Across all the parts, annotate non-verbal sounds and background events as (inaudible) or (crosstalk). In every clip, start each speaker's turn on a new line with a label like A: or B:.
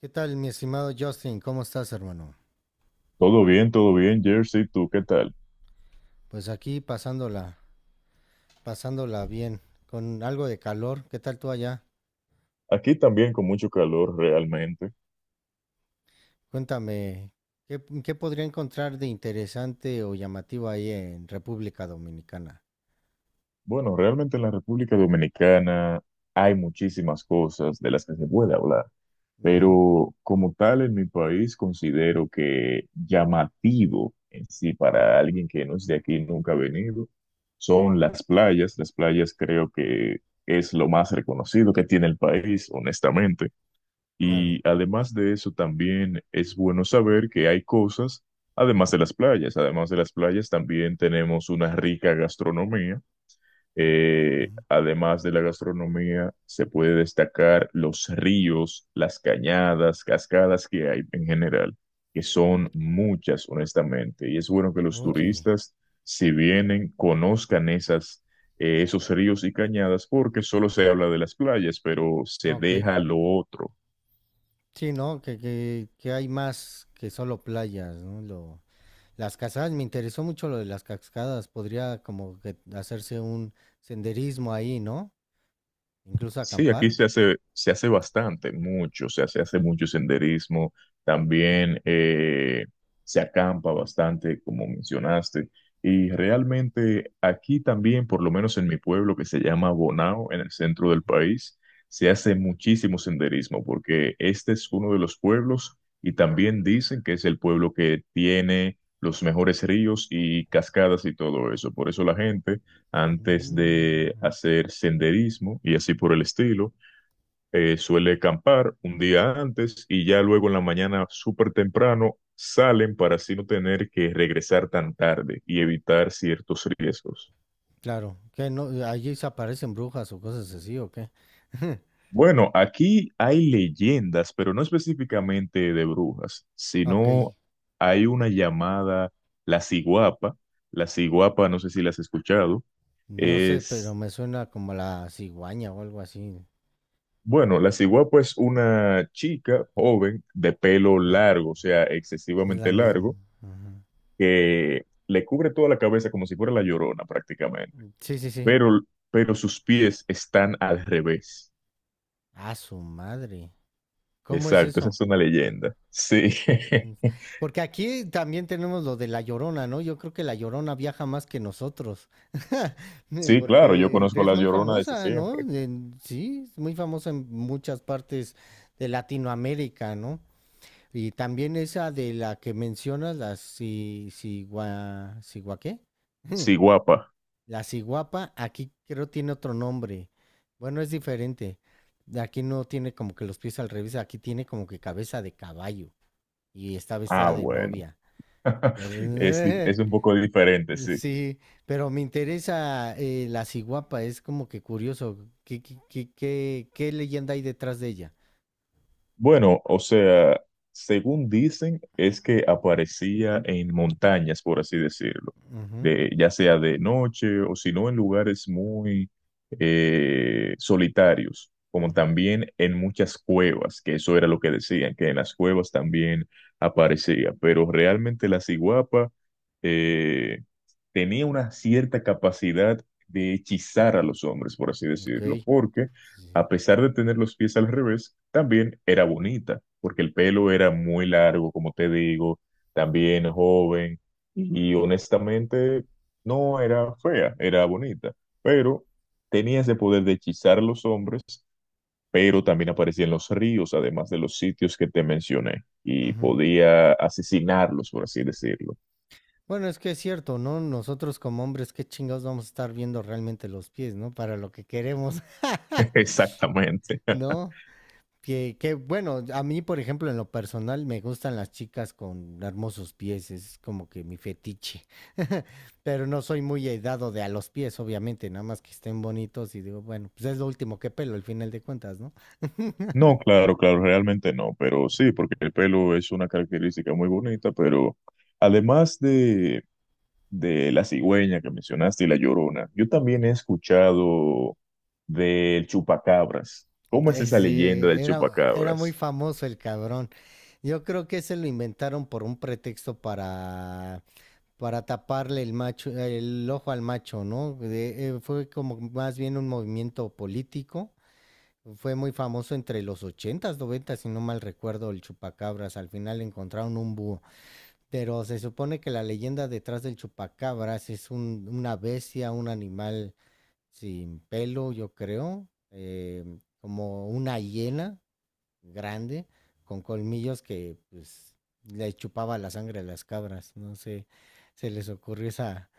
A: ¿Qué tal, mi estimado Justin? ¿Cómo estás, hermano?
B: Todo bien, Jersey, ¿tú qué tal?
A: Pues aquí pasándola, pasándola bien, con algo de calor. ¿Qué tal tú allá?
B: Aquí también con mucho calor realmente.
A: Cuéntame, ¿qué podría encontrar de interesante o llamativo ahí en República Dominicana?
B: Bueno, realmente en la República Dominicana hay muchísimas cosas de las que se puede hablar,
A: Ujú,
B: pero como tal en mi país considero que llamativo en sí para alguien que no es de aquí, nunca ha venido, son las playas. Las playas creo que es lo más reconocido que tiene el país, honestamente.
A: claro.
B: Y además de eso, también es bueno saber que hay cosas, además de las playas, también tenemos una rica gastronomía.
A: Ujú.
B: Además de la gastronomía, se puede destacar los ríos, las cañadas, cascadas que hay en general, que son muchas, honestamente. Y es bueno que los
A: Oye,
B: turistas, si vienen, conozcan esas, esos ríos y cañadas, porque solo se habla de las playas, pero se
A: ok.
B: deja lo otro.
A: Sí, ¿no? Que hay más que solo playas, ¿no? Las cascadas, me interesó mucho lo de las cascadas. Podría como que hacerse un senderismo ahí, ¿no? Incluso
B: Sí, aquí
A: acampar.
B: se hace bastante, mucho, o sea, se hace mucho senderismo, también se acampa bastante, como mencionaste, y realmente aquí también, por lo menos en mi pueblo que se llama Bonao, en el centro del país, se hace muchísimo senderismo, porque este es uno de los pueblos y también dicen que es el pueblo que tiene los mejores ríos y cascadas y todo eso, por eso la gente antes
A: Mm,
B: de hacer senderismo y así por el estilo. Suele acampar un día antes y ya luego en la mañana súper temprano salen para así no tener que regresar tan tarde y evitar ciertos riesgos.
A: claro, que no, allí se aparecen brujas o cosas así, ¿o qué? (laughs)
B: Bueno, aquí hay leyendas, pero no específicamente de brujas,
A: Ok,
B: sino hay una llamada la ciguapa. La ciguapa, no sé si la has escuchado,
A: no sé, pero
B: es...
A: me suena como la cigüeña o algo así.
B: Bueno, la ciguapa es una chica joven de pelo
A: Ah,
B: largo, o sea,
A: es la
B: excesivamente
A: misma.
B: largo,
A: Ajá.
B: que le cubre toda la cabeza como si fuera la Llorona prácticamente,
A: Sí, sí, sí.
B: pero, sus pies están al revés.
A: A su madre. ¿Cómo es
B: Exacto, esa
A: eso?
B: es una leyenda. Sí,
A: Mm.
B: (laughs)
A: Porque aquí también tenemos lo de la Llorona, ¿no? Yo creo que la Llorona viaja más que nosotros. (laughs) Mm.
B: sí, claro, yo
A: Porque
B: conozco a
A: es
B: la
A: muy
B: Llorona desde
A: famosa, ¿no?
B: siempre.
A: Sí, es muy famosa en muchas partes de Latinoamérica, ¿no? Y también esa de la que mencionas, la si, sigua, sigua ¿qué? (laughs)
B: Ciguapa.
A: La ciguapa, aquí creo tiene otro nombre. Bueno, es diferente. Aquí no tiene como que los pies al revés, aquí tiene como que cabeza de caballo y está
B: Ah,
A: vestida de
B: bueno.
A: novia. Pero,
B: (laughs) Es un poco diferente,
A: (laughs)
B: sí.
A: sí, pero me interesa la ciguapa, es como que curioso. ¿Qué leyenda hay detrás de ella?
B: Bueno, o sea, según dicen, es que aparecía en montañas, por así decirlo,
A: Ujú,
B: de, ya sea de noche o si no en lugares muy solitarios, como
A: ujú.
B: también en muchas cuevas, que eso era lo que decían, que en las cuevas también aparecía, pero realmente la ciguapa tenía una cierta capacidad de hechizar a los hombres, por así decirlo,
A: Ok.
B: porque
A: Sí.
B: a pesar de tener los pies al revés, también era bonita, porque el pelo era muy largo, como te digo, también joven, y honestamente no era fea, era bonita, pero tenía ese poder de hechizar a los hombres, pero también aparecía en los ríos, además de los sitios que te mencioné, y podía asesinarlos, por así decirlo.
A: Bueno, es que es cierto, ¿no? Nosotros como hombres, qué chingados vamos a estar viendo realmente los pies, ¿no? Para lo que queremos, (laughs)
B: (laughs) Exactamente.
A: ¿no? Que bueno, a mí, por ejemplo, en lo personal me gustan las chicas con hermosos pies, es como que mi fetiche. (laughs) Pero no soy muy dado de a los pies, obviamente, nada más que estén bonitos y digo, bueno, pues es lo último que pelo, al final de cuentas, ¿no?
B: No, claro, claro, realmente no, pero sí, porque el pelo es una característica muy bonita, pero además de la cigüeña que mencionaste y la llorona, yo también he escuchado del chupacabras. ¿Cómo es esa
A: Sí,
B: leyenda del
A: era muy
B: chupacabras?
A: famoso el cabrón. Yo creo que se lo inventaron por un pretexto para taparle el macho, el ojo al macho, ¿no? Fue como más bien un movimiento político. Fue muy famoso entre los 80s, 90 si no mal recuerdo, el chupacabras. Al final encontraron un búho. Pero se supone que la leyenda detrás del chupacabras es una bestia, un animal sin pelo, yo creo, como una hiena grande con colmillos que pues le chupaba la sangre a las cabras. No sé, se les ocurrió esa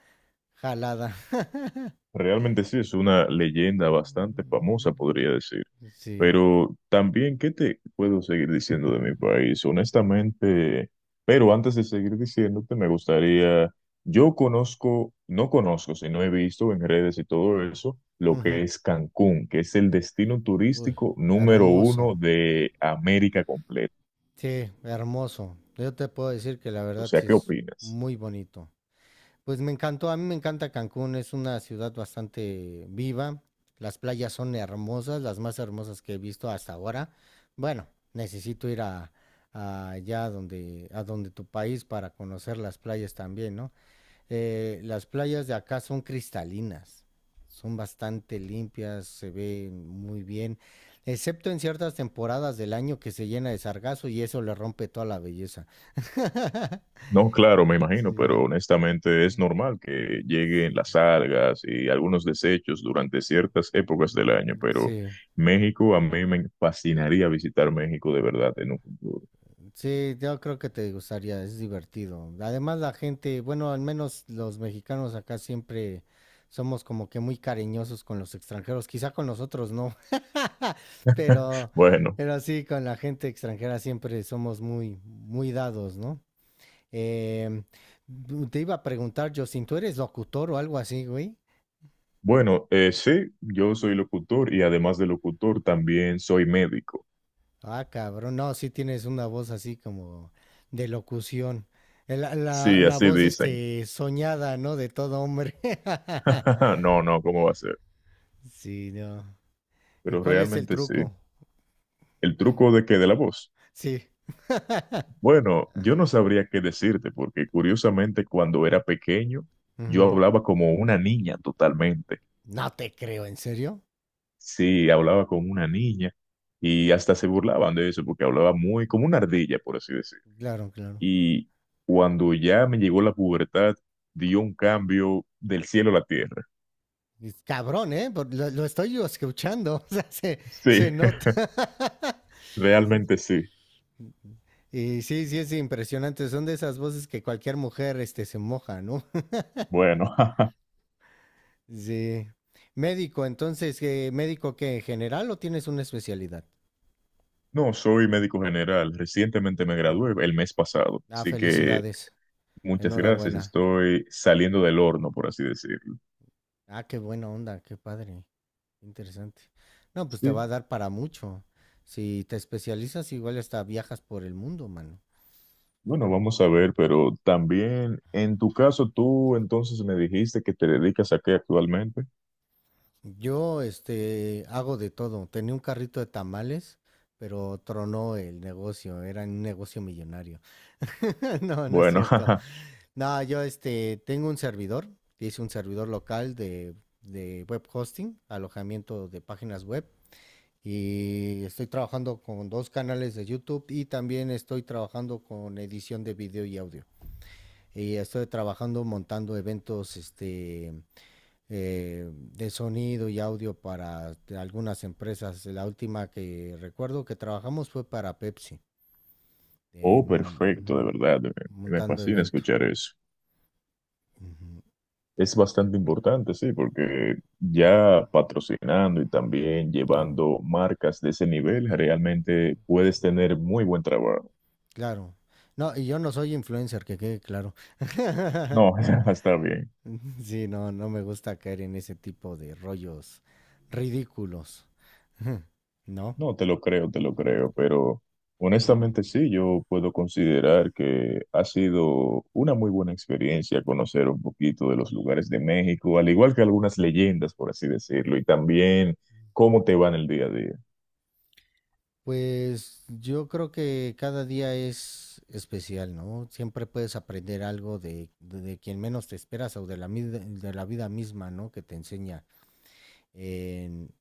A: jalada. (laughs)
B: Realmente sí, es una leyenda bastante famosa, podría decir.
A: Sí.
B: Pero también, ¿qué te puedo seguir diciendo de mi país? Honestamente, pero antes de seguir diciéndote, me gustaría, yo conozco, no conozco, sino he visto en redes y todo eso, lo
A: Ujú.
B: que es Cancún, que es el destino
A: Uy,
B: turístico número
A: hermoso.
B: uno de América completa.
A: Sí, hermoso. Yo te puedo decir que la
B: O
A: verdad
B: sea,
A: sí
B: ¿qué
A: es
B: opinas?
A: muy bonito. Pues me encantó, a mí me encanta Cancún, es una ciudad bastante viva. Las playas son hermosas, las más hermosas que he visto hasta ahora. Bueno, necesito a allá a donde tu país para conocer las playas también, ¿no? Las playas de acá son cristalinas, son bastante limpias, se ven muy bien, excepto en ciertas temporadas del año que se llena de sargazo y eso le rompe toda la belleza. (laughs)
B: No, claro, me imagino, pero
A: Sí,
B: honestamente es normal que lleguen las algas y algunos desechos durante ciertas épocas del año, pero
A: sí.
B: México, a mí me fascinaría visitar México de verdad en un futuro.
A: Sí, yo creo que te gustaría, es divertido. Además, la gente, bueno, al menos los mexicanos acá siempre somos como que muy cariñosos con los extranjeros, quizá con nosotros no, (laughs)
B: (laughs)
A: pero,
B: Bueno,
A: pero sí, con la gente extranjera siempre somos muy, muy dados, ¿no? Em, Te iba a preguntar, Justin, ¿tú eres locutor o algo así, güey?
B: bueno, sí, yo soy locutor y además de locutor también soy médico.
A: Ah, cabrón, no, sí tienes una voz así como de locución. El- La, la
B: Sí,
A: la
B: así
A: voz
B: dicen.
A: este soñada, ¿no? De todo hombre.
B: (laughs)
A: (laughs)
B: No, no, ¿cómo va a ser?
A: Sí, no. ¿Y
B: Pero
A: cuál es el
B: realmente sí.
A: truco?
B: El truco de que de la voz.
A: Sí.
B: Bueno, yo no sabría qué decirte, porque curiosamente cuando era pequeño, yo
A: Ujú.
B: hablaba como una niña totalmente.
A: No te creo, ¿en serio?
B: Sí, hablaba como una niña y hasta se burlaban de eso, porque hablaba muy como una ardilla, por así decir.
A: Claro, claro.
B: Y cuando ya me llegó la pubertad, dio un
A: Mm.
B: cambio del cielo a la tierra.
A: Y cabrón, ¿eh? Lo estoy yo escuchando, (laughs) o sea, se
B: Sí, (laughs)
A: nota. (laughs)
B: realmente sí.
A: Y sí, sí, es impresionante. Son de esas voces que cualquier mujer este, se moja, ¿no?
B: Bueno, (laughs)
A: Sí. Médico, entonces, ¿médico qué? ¿General o tienes una especialidad?
B: no, soy médico general. Recientemente me
A: Mm.
B: gradué el mes pasado,
A: Ah,
B: así que
A: felicidades.
B: muchas gracias.
A: Enhorabuena.
B: Estoy saliendo del horno, por así decirlo.
A: Ah, qué buena onda, qué padre. Interesante. No, pues te va
B: Sí,
A: a dar para mucho. Si te especializas, igual hasta viajas por el mundo, mano.
B: bueno, vamos a ver, pero también en tu caso, tú entonces me dijiste que te dedicas a qué actualmente.
A: Yo, este, hago de todo. Tenía un carrito de tamales, pero tronó el negocio. Era un negocio millonario. (laughs) No, no es
B: Bueno, (laughs)
A: cierto.
B: jaja.
A: No, yo este, tengo un servidor, hice un servidor local de web hosting, alojamiento de páginas web. Y estoy trabajando con dos canales de YouTube y también estoy trabajando con edición de video y audio. Y estoy trabajando montando eventos este, de sonido y audio para algunas empresas. La última que recuerdo que trabajamos fue para Pepsi,
B: Oh,
A: en
B: perfecto, de
A: ujú,
B: verdad, me
A: montando
B: fascina
A: evento.
B: escuchar eso.
A: Ujú,
B: Es bastante importante, sí, porque ya patrocinando y también
A: claro,
B: llevando marcas de ese nivel, realmente
A: sí.
B: puedes tener muy buen trabajo.
A: Claro. No, y yo no soy influencer, que quede claro.
B: No,
A: (laughs)
B: (laughs) está bien.
A: Sí, no, no me gusta caer en ese tipo de rollos ridículos. (laughs) No.
B: No, te lo creo, pero honestamente sí, yo puedo considerar que ha sido una muy buena experiencia conocer un poquito de los lugares de México, al igual que algunas leyendas, por así decirlo, y también cómo te va en el día a día.
A: Pues yo creo que cada día es especial, ¿no? Siempre puedes aprender algo de quien menos te esperas o de de la vida misma, ¿no? Que te enseña en,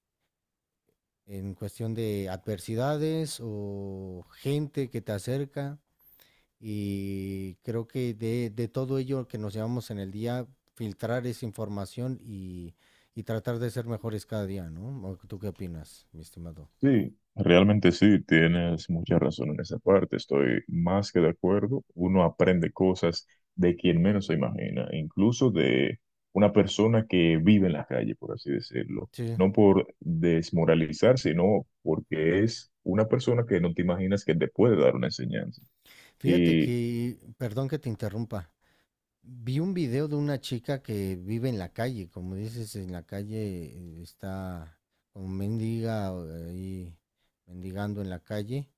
A: en cuestión de adversidades o gente que te acerca. Y creo que de todo ello que nos llevamos en el día, filtrar esa información y tratar de ser mejores cada día, ¿no? ¿O ¿tú qué opinas, mi estimado?
B: Sí, realmente sí, tienes mucha razón en esa parte, estoy más que de acuerdo. Uno aprende cosas de quien menos se imagina, incluso de una persona que vive en la calle, por así decirlo.
A: Sí.
B: No por desmoralizar, sino porque es una persona que no te imaginas que te puede dar una enseñanza.
A: Fíjate que, perdón que te interrumpa, vi un video de una chica que vive en la calle, como dices, en la calle, está como mendiga, ahí mendigando en la calle.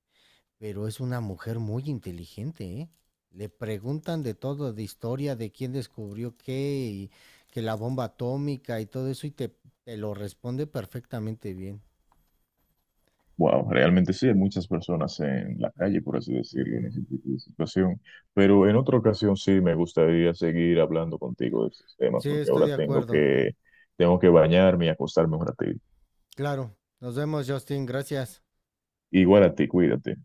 A: Pero es una mujer muy inteligente, ¿eh? Le preguntan de todo, de historia, de quién descubrió qué, y que la bomba atómica y todo eso, te lo responde perfectamente bien.
B: Wow, realmente sí, hay muchas personas en la calle, por así decirlo, en ese
A: Ujú.
B: tipo de situación. Pero en otra ocasión sí me gustaría seguir hablando contigo de estos temas,
A: Sí,
B: porque
A: estoy
B: ahora
A: de acuerdo.
B: tengo que bañarme y acostarme un ratito.
A: Claro. Nos vemos, Justin. Gracias.
B: Igual a ti, cuídate.